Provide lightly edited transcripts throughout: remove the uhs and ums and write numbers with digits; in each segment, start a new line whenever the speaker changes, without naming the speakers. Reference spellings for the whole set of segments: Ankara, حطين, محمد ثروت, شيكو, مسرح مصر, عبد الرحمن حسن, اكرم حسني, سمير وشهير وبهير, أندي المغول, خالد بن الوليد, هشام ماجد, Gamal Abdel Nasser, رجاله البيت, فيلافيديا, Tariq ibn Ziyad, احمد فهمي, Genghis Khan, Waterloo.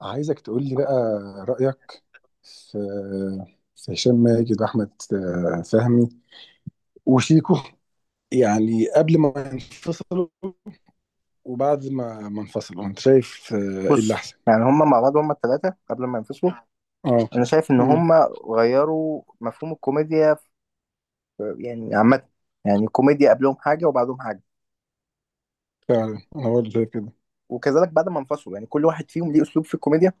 عايزك تقول لي بقى رأيك في في هشام ماجد واحمد فهمي وشيكو، يعني قبل ما ينفصلوا وبعد ما انفصلوا. انت شايف ايه اللي
بص.
احسن؟
يعني هما مع بعض، هما الثلاثة قبل ما ينفصلوا
اه.
أنا شايف إن
امم.
هما غيروا مفهوم الكوميديا في يعني عامة. يعني الكوميديا قبلهم حاجة وبعدهم حاجة.
فعلا انا برضه شايف كده.
وكذلك بعد ما انفصلوا يعني كل واحد فيهم ليه أسلوب في الكوميديا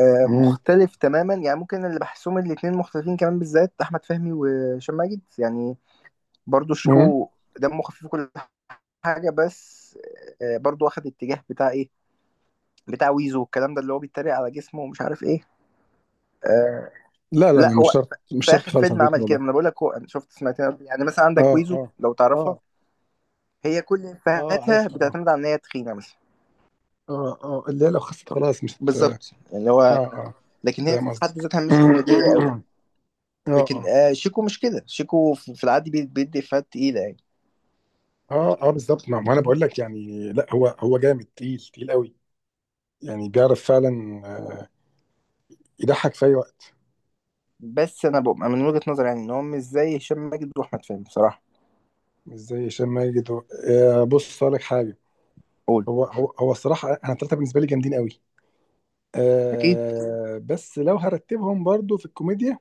امم.
مختلف تماما. يعني ممكن اللي بحسهم الاتنين مختلفين كمان، بالذات أحمد فهمي وهشام ماجد، يعني برضو
امم.
شيكو دمه خفيف وكل حاجة. بس برضو واخد اتجاه بتاع إيه، بتاع ويزو والكلام ده اللي هو بيتريق على جسمه ومش عارف إيه آه،
لا لا
لا.
لا، مش
هو
شرط، مش
في
شرط
اخر
خالص على
فيلم
فكرة
عمل كده.
والله.
ما انا بقول لك، هو انا شفت سمعت يعني مثلا
اه
عندك ويزو
اه
لو تعرفها،
اه
هي كل
اه.
افيهاتها
عارفها. اه.
بتعتمد على ان هي تخينه مثلا.
اه اه اللي هي لو خسرت خلاص مش اه
بالظبط، يعني هو
اه.
لكن هي في
فاهم
حد
قصدك.
ذاتها مش كوميديه قوي.
اه
لكن
اه.
آه، شيكو مش كده، شيكو في العادي بيدي افيهات تقيله يعني.
اه اه بالظبط. ما انا بقول لك، يعني لا هو جامد، تقيل قوي، يعني بيعرف فعلا آه، يضحك في اي وقت.
بس انا بقى من وجهه نظري يعني ان هو مش زي هشام ماجد واحمد فهمي بصراحه.
مش زي هشام ماجد و... بص اقول لك حاجه.
قول.
هو الصراحه انا الثلاثه بالنسبه لي جامدين قوي.
اكيد.
بس لو هرتبهم برضو في الكوميديا.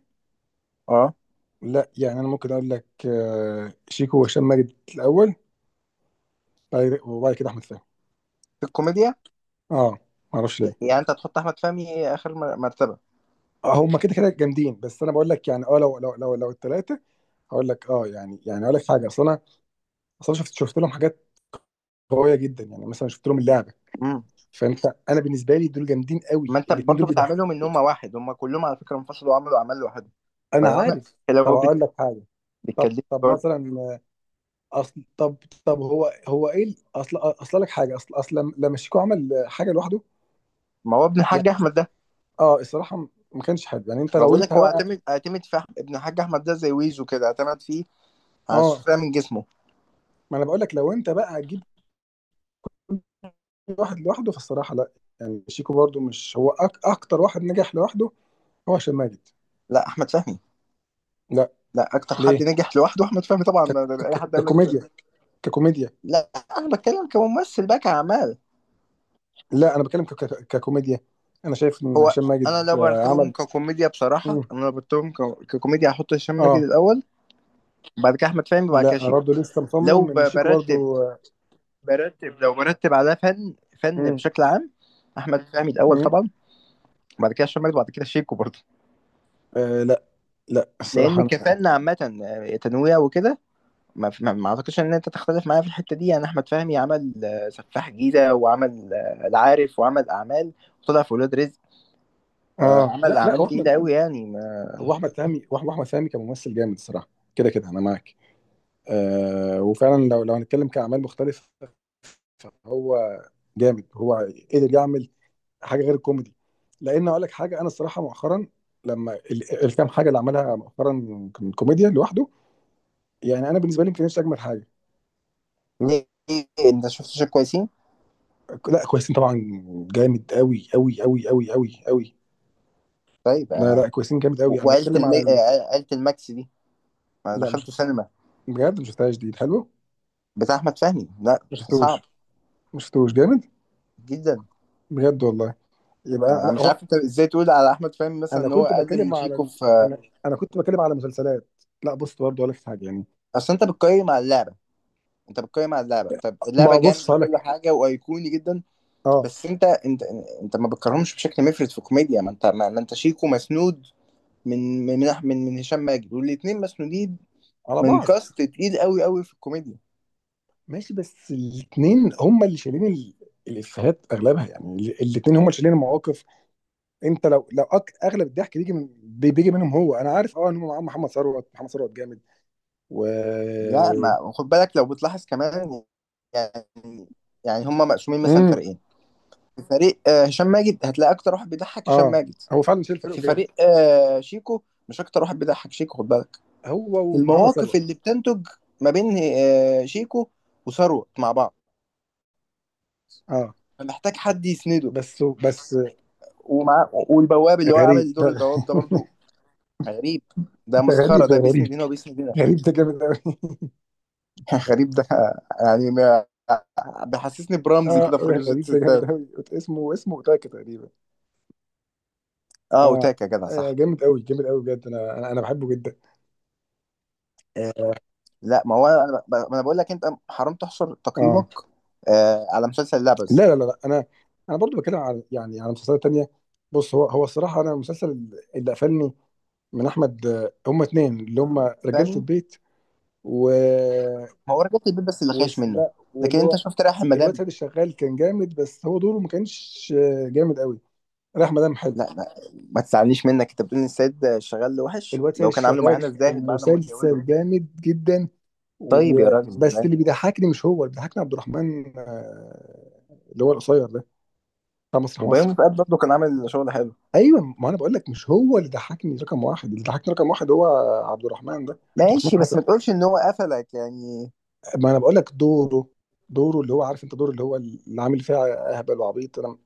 اه.
لا، يعني انا ممكن اقول لك شيكو وهشام ماجد الاول، وبعد كده احمد فهمي.
في الكوميديا.
اه، ما اعرفش ليه.
يعني انت هتحط احمد فهمي اخر مرتبه.
هم كده كده جامدين، بس انا بقول لك يعني اه لو الثلاثه. هقول لك اه، يعني اقول لك حاجه. اصل انا، اصل انا شفت لهم حاجات قويه جدا، يعني مثلا شفت لهم اللعبه.
امم.
فانت، انا بالنسبه لي دول جامدين قوي،
ما انت
الاثنين
برضو
دول بيضحكوا.
بتعاملهم ان هم واحد. هم كلهم على فكره انفصلوا وعملوا اعمال لوحدهم.
انا
فلو انا،
عارف. طب
لو
اقول لك حاجه. طب
بتكلمني
طب
برضه.
مثلا اصل. طب، هو ايه اصل، لك حاجه. اصل لما شيكو عمل حاجه لوحده،
ما هو ابن
يعني
الحاج احمد ده.
اه الصراحه ما كانش حلو. يعني انت
ما
لو
بقول
انت
لك، هو
بقى
اعتمد في ابن الحاج احمد ده زي ويزو كده اعتمد فيه على
اه،
السفلة من جسمه.
ما انا بقول لك لو انت بقى هتجيب كل واحد لوحده، فالصراحه لا. يعني شيكو برضو مش هو اكتر واحد نجح لوحده، هو هشام ماجد.
لا، احمد فهمي.
لا.
لا، اكتر حد
ليه؟
نجح لوحده احمد فهمي طبعا.
ك-
اي حد يقول لك كده.
ككوميديا. ككوميديا.
لا، انا بتكلم كممثل بقى، كاعمال.
لا انا بتكلم ككوميديا. انا شايف ان
هو
هشام
انا
ماجد
لو برتبهم
عمل.
ككوميديا بصراحه،
مم.
انا لو برتبهم ككوميديا، هحط هشام ماجد
اه.
الاول. بعد كده احمد فهمي، بعد كده
لا انا
شيكو.
برضه لسه
لو
مصمم ان شيكو برضه.
برتب،
آه،
برتب، لو برتب على فن، فن
مم.
بشكل عام، احمد فهمي الاول
مم.
طبعا. بعد كده هشام ماجد وبعد كده شيكو برضه.
آه. لا لا الصراحه
لان
انا.
كفاءنا عامه، تنويع وكده. ما اعتقدش ان انت تختلف معايا في الحته دي. يعني احمد فهمي عمل سفاح جيزه، وعمل العارف، وعمل اعمال وطلع في ولاد رزق،
اه،
عمل
لا لا
اعمال
واحمد.
تقيله قوي يعني ما...
واحمد فهمي، واحمد فهمي كممثل جامد الصراحه، كده كده انا معاك. آه، وفعلا لو هنتكلم كاعمال مختلفه، هو جامد، هو قدر يعمل حاجه غير الكوميدي. لان اقول لك حاجه، انا الصراحه مؤخرا لما الكام حاجه اللي عملها مؤخرا من كوميديا لوحده، يعني انا بالنسبه لي يمكن نفسي اجمل حاجه.
ليه؟ ليه؟ انت شفت شيء كويسين؟
لا كويسين طبعا. جامد قوي قوي قوي قوي قوي قوي.
طيب
لا لا كويسين، جامد قوي. انا
وعيله
بتكلم
الم...
على ال...
عيله الماكس دي ما
لا مش.
دخلته سينما،
بجد ما شفتهاش دي حلو.
بتاع احمد فهمي؟ لا،
ما شفتوش.
صعب
ما شفتوش جامد.
جدا.
بجد والله. يبقى
انا
لا
مش
هو.
عارف انت ازاي تقول على احمد فهمي مثلا
انا
ان هو
كنت
اقل
بتكلم
من
على
شيكو
ال...
في
انا، انا كنت بتكلم على مسلسلات. لا بص، برضه ولا في حاجه يعني.
اصل انت بتقيم على اللعبه. انت بتقيم على اللعبه. طب اللعبه
ما بص
جامد وكل
لك.
حاجه وايقوني جدا.
اه.
بس انت، انت ما بتكرهمش بشكل مفرط في كوميديا. ما انت، ما ما انت شيكو مسنود من هشام ماجد. والاثنين مسنودين
على
من
بعض.
كاست تقيل قوي قوي في الكوميديا.
ماشي، بس الاثنين هم اللي شايلين ال... الافيهات اغلبها يعني. الاثنين هم اللي شايلين المواقف. انت لو اغلب الضحك بيجي من بيجي منهم. هو انا عارف اه، ان هم معاهم محمد ثروت. محمد ثروت جامد و.
لا، ما خد بالك لو بتلاحظ كمان يعني، يعني هما مقسومين مثلا
امم.
فريقين. في فريق هشام ماجد، هتلاقي اكتر واحد بيضحك هشام
اه،
ماجد.
هو فعلا شايل فريقه
في
بجد.
فريق شيكو مش اكتر واحد بيضحك شيكو، خد بالك.
هو ومحمد
المواقف
ثروت.
اللي بتنتج ما بين شيكو وثروت مع بعض،
اه.
فمحتاج حد يسنده.
بس
ومع، والبواب اللي هو
غريب.
عامل دور البواب ده برضو غريب. ده
انت
مسخرة،
غريب يا
ده بيسند
غريب.
هنا وبيسند هنا.
غريب ده جامد قوي.
غريب ده، يعني ما بيحسسني برمزي
اه
كده في راجل ست
غريب ده جامد
ستات.
قوي. اسمه اوتاكا تقريبا.
اه،
اه.
وتاكا جدع صح.
جامد قوي، جامد قوي بجد. انا بحبه جدا.
لا، ما هو انا ما انا بقول لك، انت حرام تحصر
اه.
تقييمك على مسلسل
لا
لبس.
لا لا لا، انا، انا برضو بتكلم عن يعني على مسلسلات تانية. بص، هو الصراحه انا المسلسل اللي قفلني من احمد هما اتنين اللي هما رجاله
فاهمني؟
البيت. و.
ما هو رجعت البيت بس اللي
و
خايش منه.
لا،
لكن
واللي
انت
هو
شفت رايح المدام؟
الواد سيد الشغال كان جامد، بس هو دوره ما كانش جامد قوي. راح مدام حلو.
لا لا، ما تزعلنيش منك. انت بتقول ان السيد شغال وحش
الواد سيد
لو كان عامله
الشغال
معانا الزاهد بعد ما
مسلسل
اتجوزه؟
جامد جدا.
طيب يا
و...
راجل،
بس
ازاي؟
اللي بيضحكني مش هو، اللي بيضحكني عبد الرحمن اللي هو القصير ده بتاع مسرح
وبيومي
مصر.
فؤاد برضه كان عامل شغل حلو.
ايوه، ما انا بقول لك مش هو اللي ضحكني رقم واحد، اللي ضحكني رقم واحد هو عبد الرحمن ده، عبد الرحمن
ماشي،
حسن.
بس ما تقولش ان هو قفلك يعني.
ما انا بقول لك دوره. دوره اللي هو عارف انت، دوره اللي هو اللي عامل فيها اهبل وعبيط، انا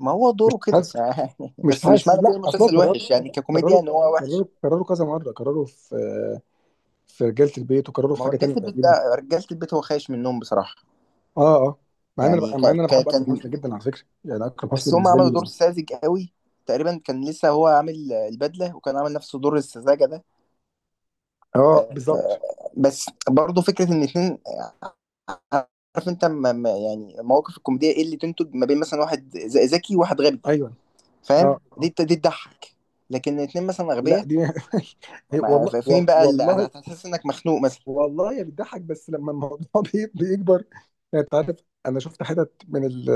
ما هو
مش
دوره كده.
حاسس. مش
بس مش
حاسس
معنى كده
لا اصلا.
المسلسل
كرروا.
وحش يعني، ككوميديا
كرروا.
ان هو
كرروا
وحش.
كرروا كذا مره. كرروا في في رجاله البيت، وكرروا في
ما هو
حاجه
رجاله
تانيه
البيت ده،
تقريبا.
رجاله البيت هو خايش منهم بصراحه.
اه اه.
يعني ك...
مع ان انا
ك...
بحب اكرم
كان،
حسني جدا على فكره، يعني اكرم حسني
بس هم
بالنسبه
عملوا دور
لي.
ساذج قوي تقريبا. كان لسه هو عامل البدله وكان عامل نفسه دور السذاجه ده
اه
آه،
بالظبط.
بس برضه فكره ان اتنين، عارف انت، يعني مواقف الكوميديا ايه اللي تنتج؟ ما بين مثلا واحد ذكي وواحد غبي،
ايوه. اه
فاهم؟
اه
دي تضحك. لكن اتنين مثلا
لا
اغبياء،
دي. والله
فين بقى اللي
والله.
هتحس انك مخنوق مثلا؟
والله هي بتضحك، بس لما الموضوع بيكبر. يعني انت عارف. انا شفت حتت من ال،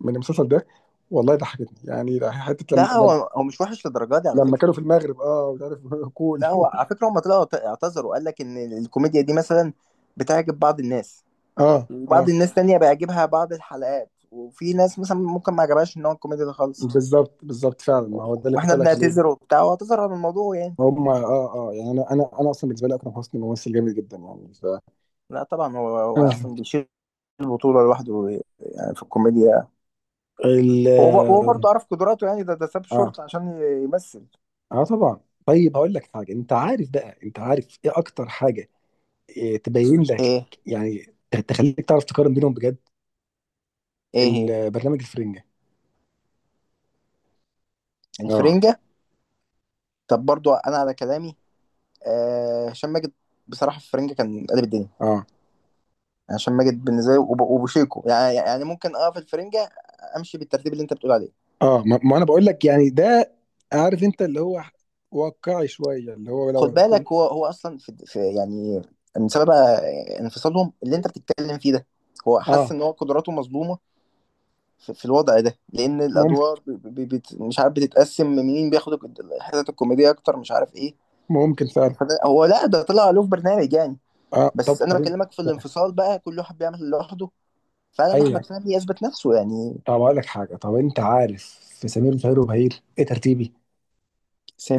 من المسلسل ده. والله ضحكتني، يعني حته
لا
لما
هو هو مش وحش للدرجه دي على
لما
فكره.
كانوا في المغرب اه ومش عارف. كول.
لا هو على فكره، هم طلعوا اعتذروا وقال لك ان الكوميديا دي مثلا بتعجب بعض الناس
اه
وبعض
اه
الناس تانية بيعجبها بعض الحلقات، وفي ناس مثلا ممكن ما عجبهاش ان هو الكوميديا ده خالص،
بالظبط بالظبط فعلا، ما هو ده اللي كنت
واحنا
اقول لك عليه.
بنعتذر وبتاع، واعتذر عن الموضوع يعني.
هم اه اه يعني انا اصلا بالنسبه لي اكرم حسني ممثل جامد جدا يعني ف.
لا طبعا، هو هو
آه.
اصلا بيشيل البطولة لوحده يعني في الكوميديا.
ال.
هو هو برضه عارف قدراته، يعني ده ده ساب
اه
شورت عشان يمثل.
اه طبعا. طيب هقول لك حاجه، انت عارف بقى، انت عارف ايه اكتر حاجه تبين لك؟
ايه؟
يعني تخليك تعرف تقارن بينهم بجد.
ايه هي؟
البرنامج الفرنجة. اه.
الفرنجة؟ طب برضه انا على كلامي، آه، هشام ماجد بصراحة في الفرنجة كان قلب الدنيا.
اه
يعني هشام ماجد بالنسبة لي وبوشيكو يعني، يعني ممكن اه في الفرنجة امشي بالترتيب اللي انت بتقول عليه.
اه ما انا بقول لك يعني ده، عارف انت اللي هو واقعي شوية اللي هو لو
خد بالك هو هو اصلا في يعني من سبب انفصالهم اللي انت بتتكلم فيه ده، هو حس
اه.
ان هو قدراته مظلومة في الوضع ده. لان الادوار
ممكن.
مش عارف بتتقسم مين بياخد الحتت الكوميديه اكتر، مش عارف ايه.
ممكن فعلا.
فده هو، لا ده طلع له في برنامج يعني.
اه طب
بس انا
انت.
بكلمك في الانفصال بقى، كل واحد بيعمل اللي لوحده. فعلا
ايوه
احمد فهمي اثبت نفسه يعني.
طب اقول لك حاجة. طب انت عارف في سمير وشهير وبهير ايه ترتيبي؟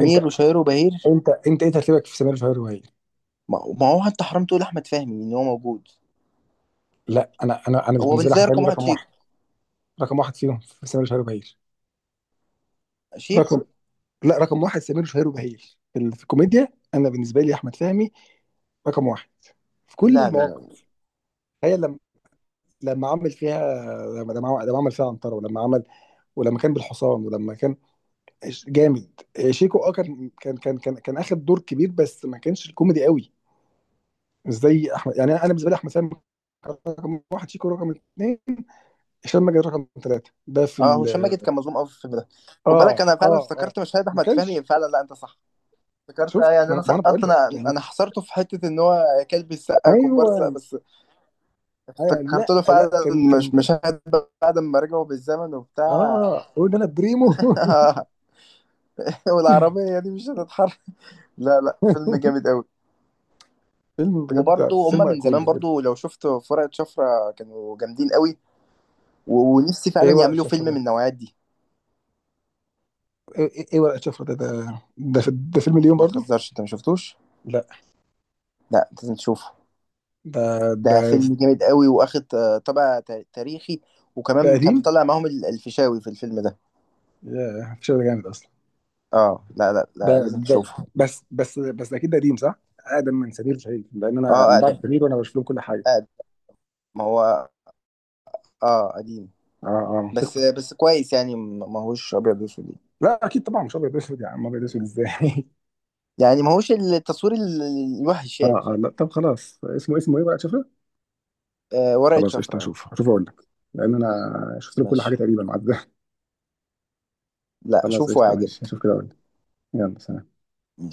انت
وشهير وبهير؟
انت ايه ترتيبك في سمير وشهير وبهير؟
ما ما هو انت حرام تقول احمد فهمي ان هو موجود.
لا، انا
هو
بالنسبة لي
بالنسبه لي
حمداني
رقم واحد
رقم واحد.
شيكو.
رقم واحد فيهم في سمير وشهير وبهير.
شيكو.
رقم. لا رقم واحد سمير وشهير وبهير في في الكوميديا. انا بالنسبه لي احمد فهمي رقم واحد في كل
لا لا لا.
المواقف. تخيل لما، لما عمل فيها، لما عمل فيها عنتره، ولما عمل ولما كان بالحصان ولما كان جامد. شيكو اه كان اخد دور كبير، بس ما كانش الكوميدي قوي، مش زي احمد. يعني انا بالنسبه لي احمد فهمي رقم واحد، شيكو رقم اثنين، هشام ماجد رقم ثلاثه ده في
اه هشام
ال.
ماجد كان مظلوم قوي في الفيلم ده، خد
اه
بالك. انا فعلا
اه اه
افتكرت مشاهد
ما
احمد
كانش.
فهمي، فعلا لا انت صح. افتكرت، اه.
شفت،
يعني
ما
انا
انا ما أنا بقول
سقطت،
لك
انا
يعني.
انا حصرته في حته ان هو كلب السقا كومبارس، لا
ايوه.
بس
ايوه
افتكرت
لا
له
لا
فعلا
كان.
مش مشاهد بعد ما رجعوا بالزمن
اه
وبتاع.
قول ده انا بريمو.
والعربيه دي مش هتتحرك. لا لا، فيلم جامد قوي.
فيلم بجد،
وبرضه هما
فيلم
من
ايقوني
زمان
بجد.
برضه لو شفت فرقه شفرة كانوا جامدين قوي. و- ونفسي فعلا
ايه ورقه
يعملوا
شفره
فيلم من
ده؟
النوعيات دي.
ايه، إيه ورقه شفره ده، ده فيلم اليوم
ما
برضو؟
تهزرش، انت ما شفتوش؟
لا.
لا، لازم تشوفه.
ده. ده
ده فيلم جامد قوي، واخد طابع تاريخي.
ده
وكمان
قديم؟
كان طالع معاهم الفيشاوي في الفيلم ده.
ياه الفيلم ده جامد اصلا.
اه لا لا،
ده
لا لازم
ده
تشوفه.
بس اكيد ده قديم صح؟ اقدم من سمير وشهير، لان انا
اه
من بعد
اقدم،
سمير وانا بشوف لهم كل حاجه.
اقدم. ما هو اه قديم.
اه اه
بس
منطقي.
بس كويس يعني، ما هوش ابيض واسود يعني.
لا اكيد طبعا مش ابيض اسود. يا عم ابيض اسود ازاي؟
يعني ما هوش التصوير الوحش
اه
يعني،
اه
فاهم؟
لا طب خلاص اسمه، ايه بقى؟ شفره.
آه، ورقة
خلاص قشطه،
شفرة، اه.
هشوف اقول لك. لان انا شفت لهم كل حاجه
ماشي.
تقريبا.
لا
خلاص
شوفه،
قشطة ماشي،
هيعجبك.
هشوف كده أقول لك. يلا سلام.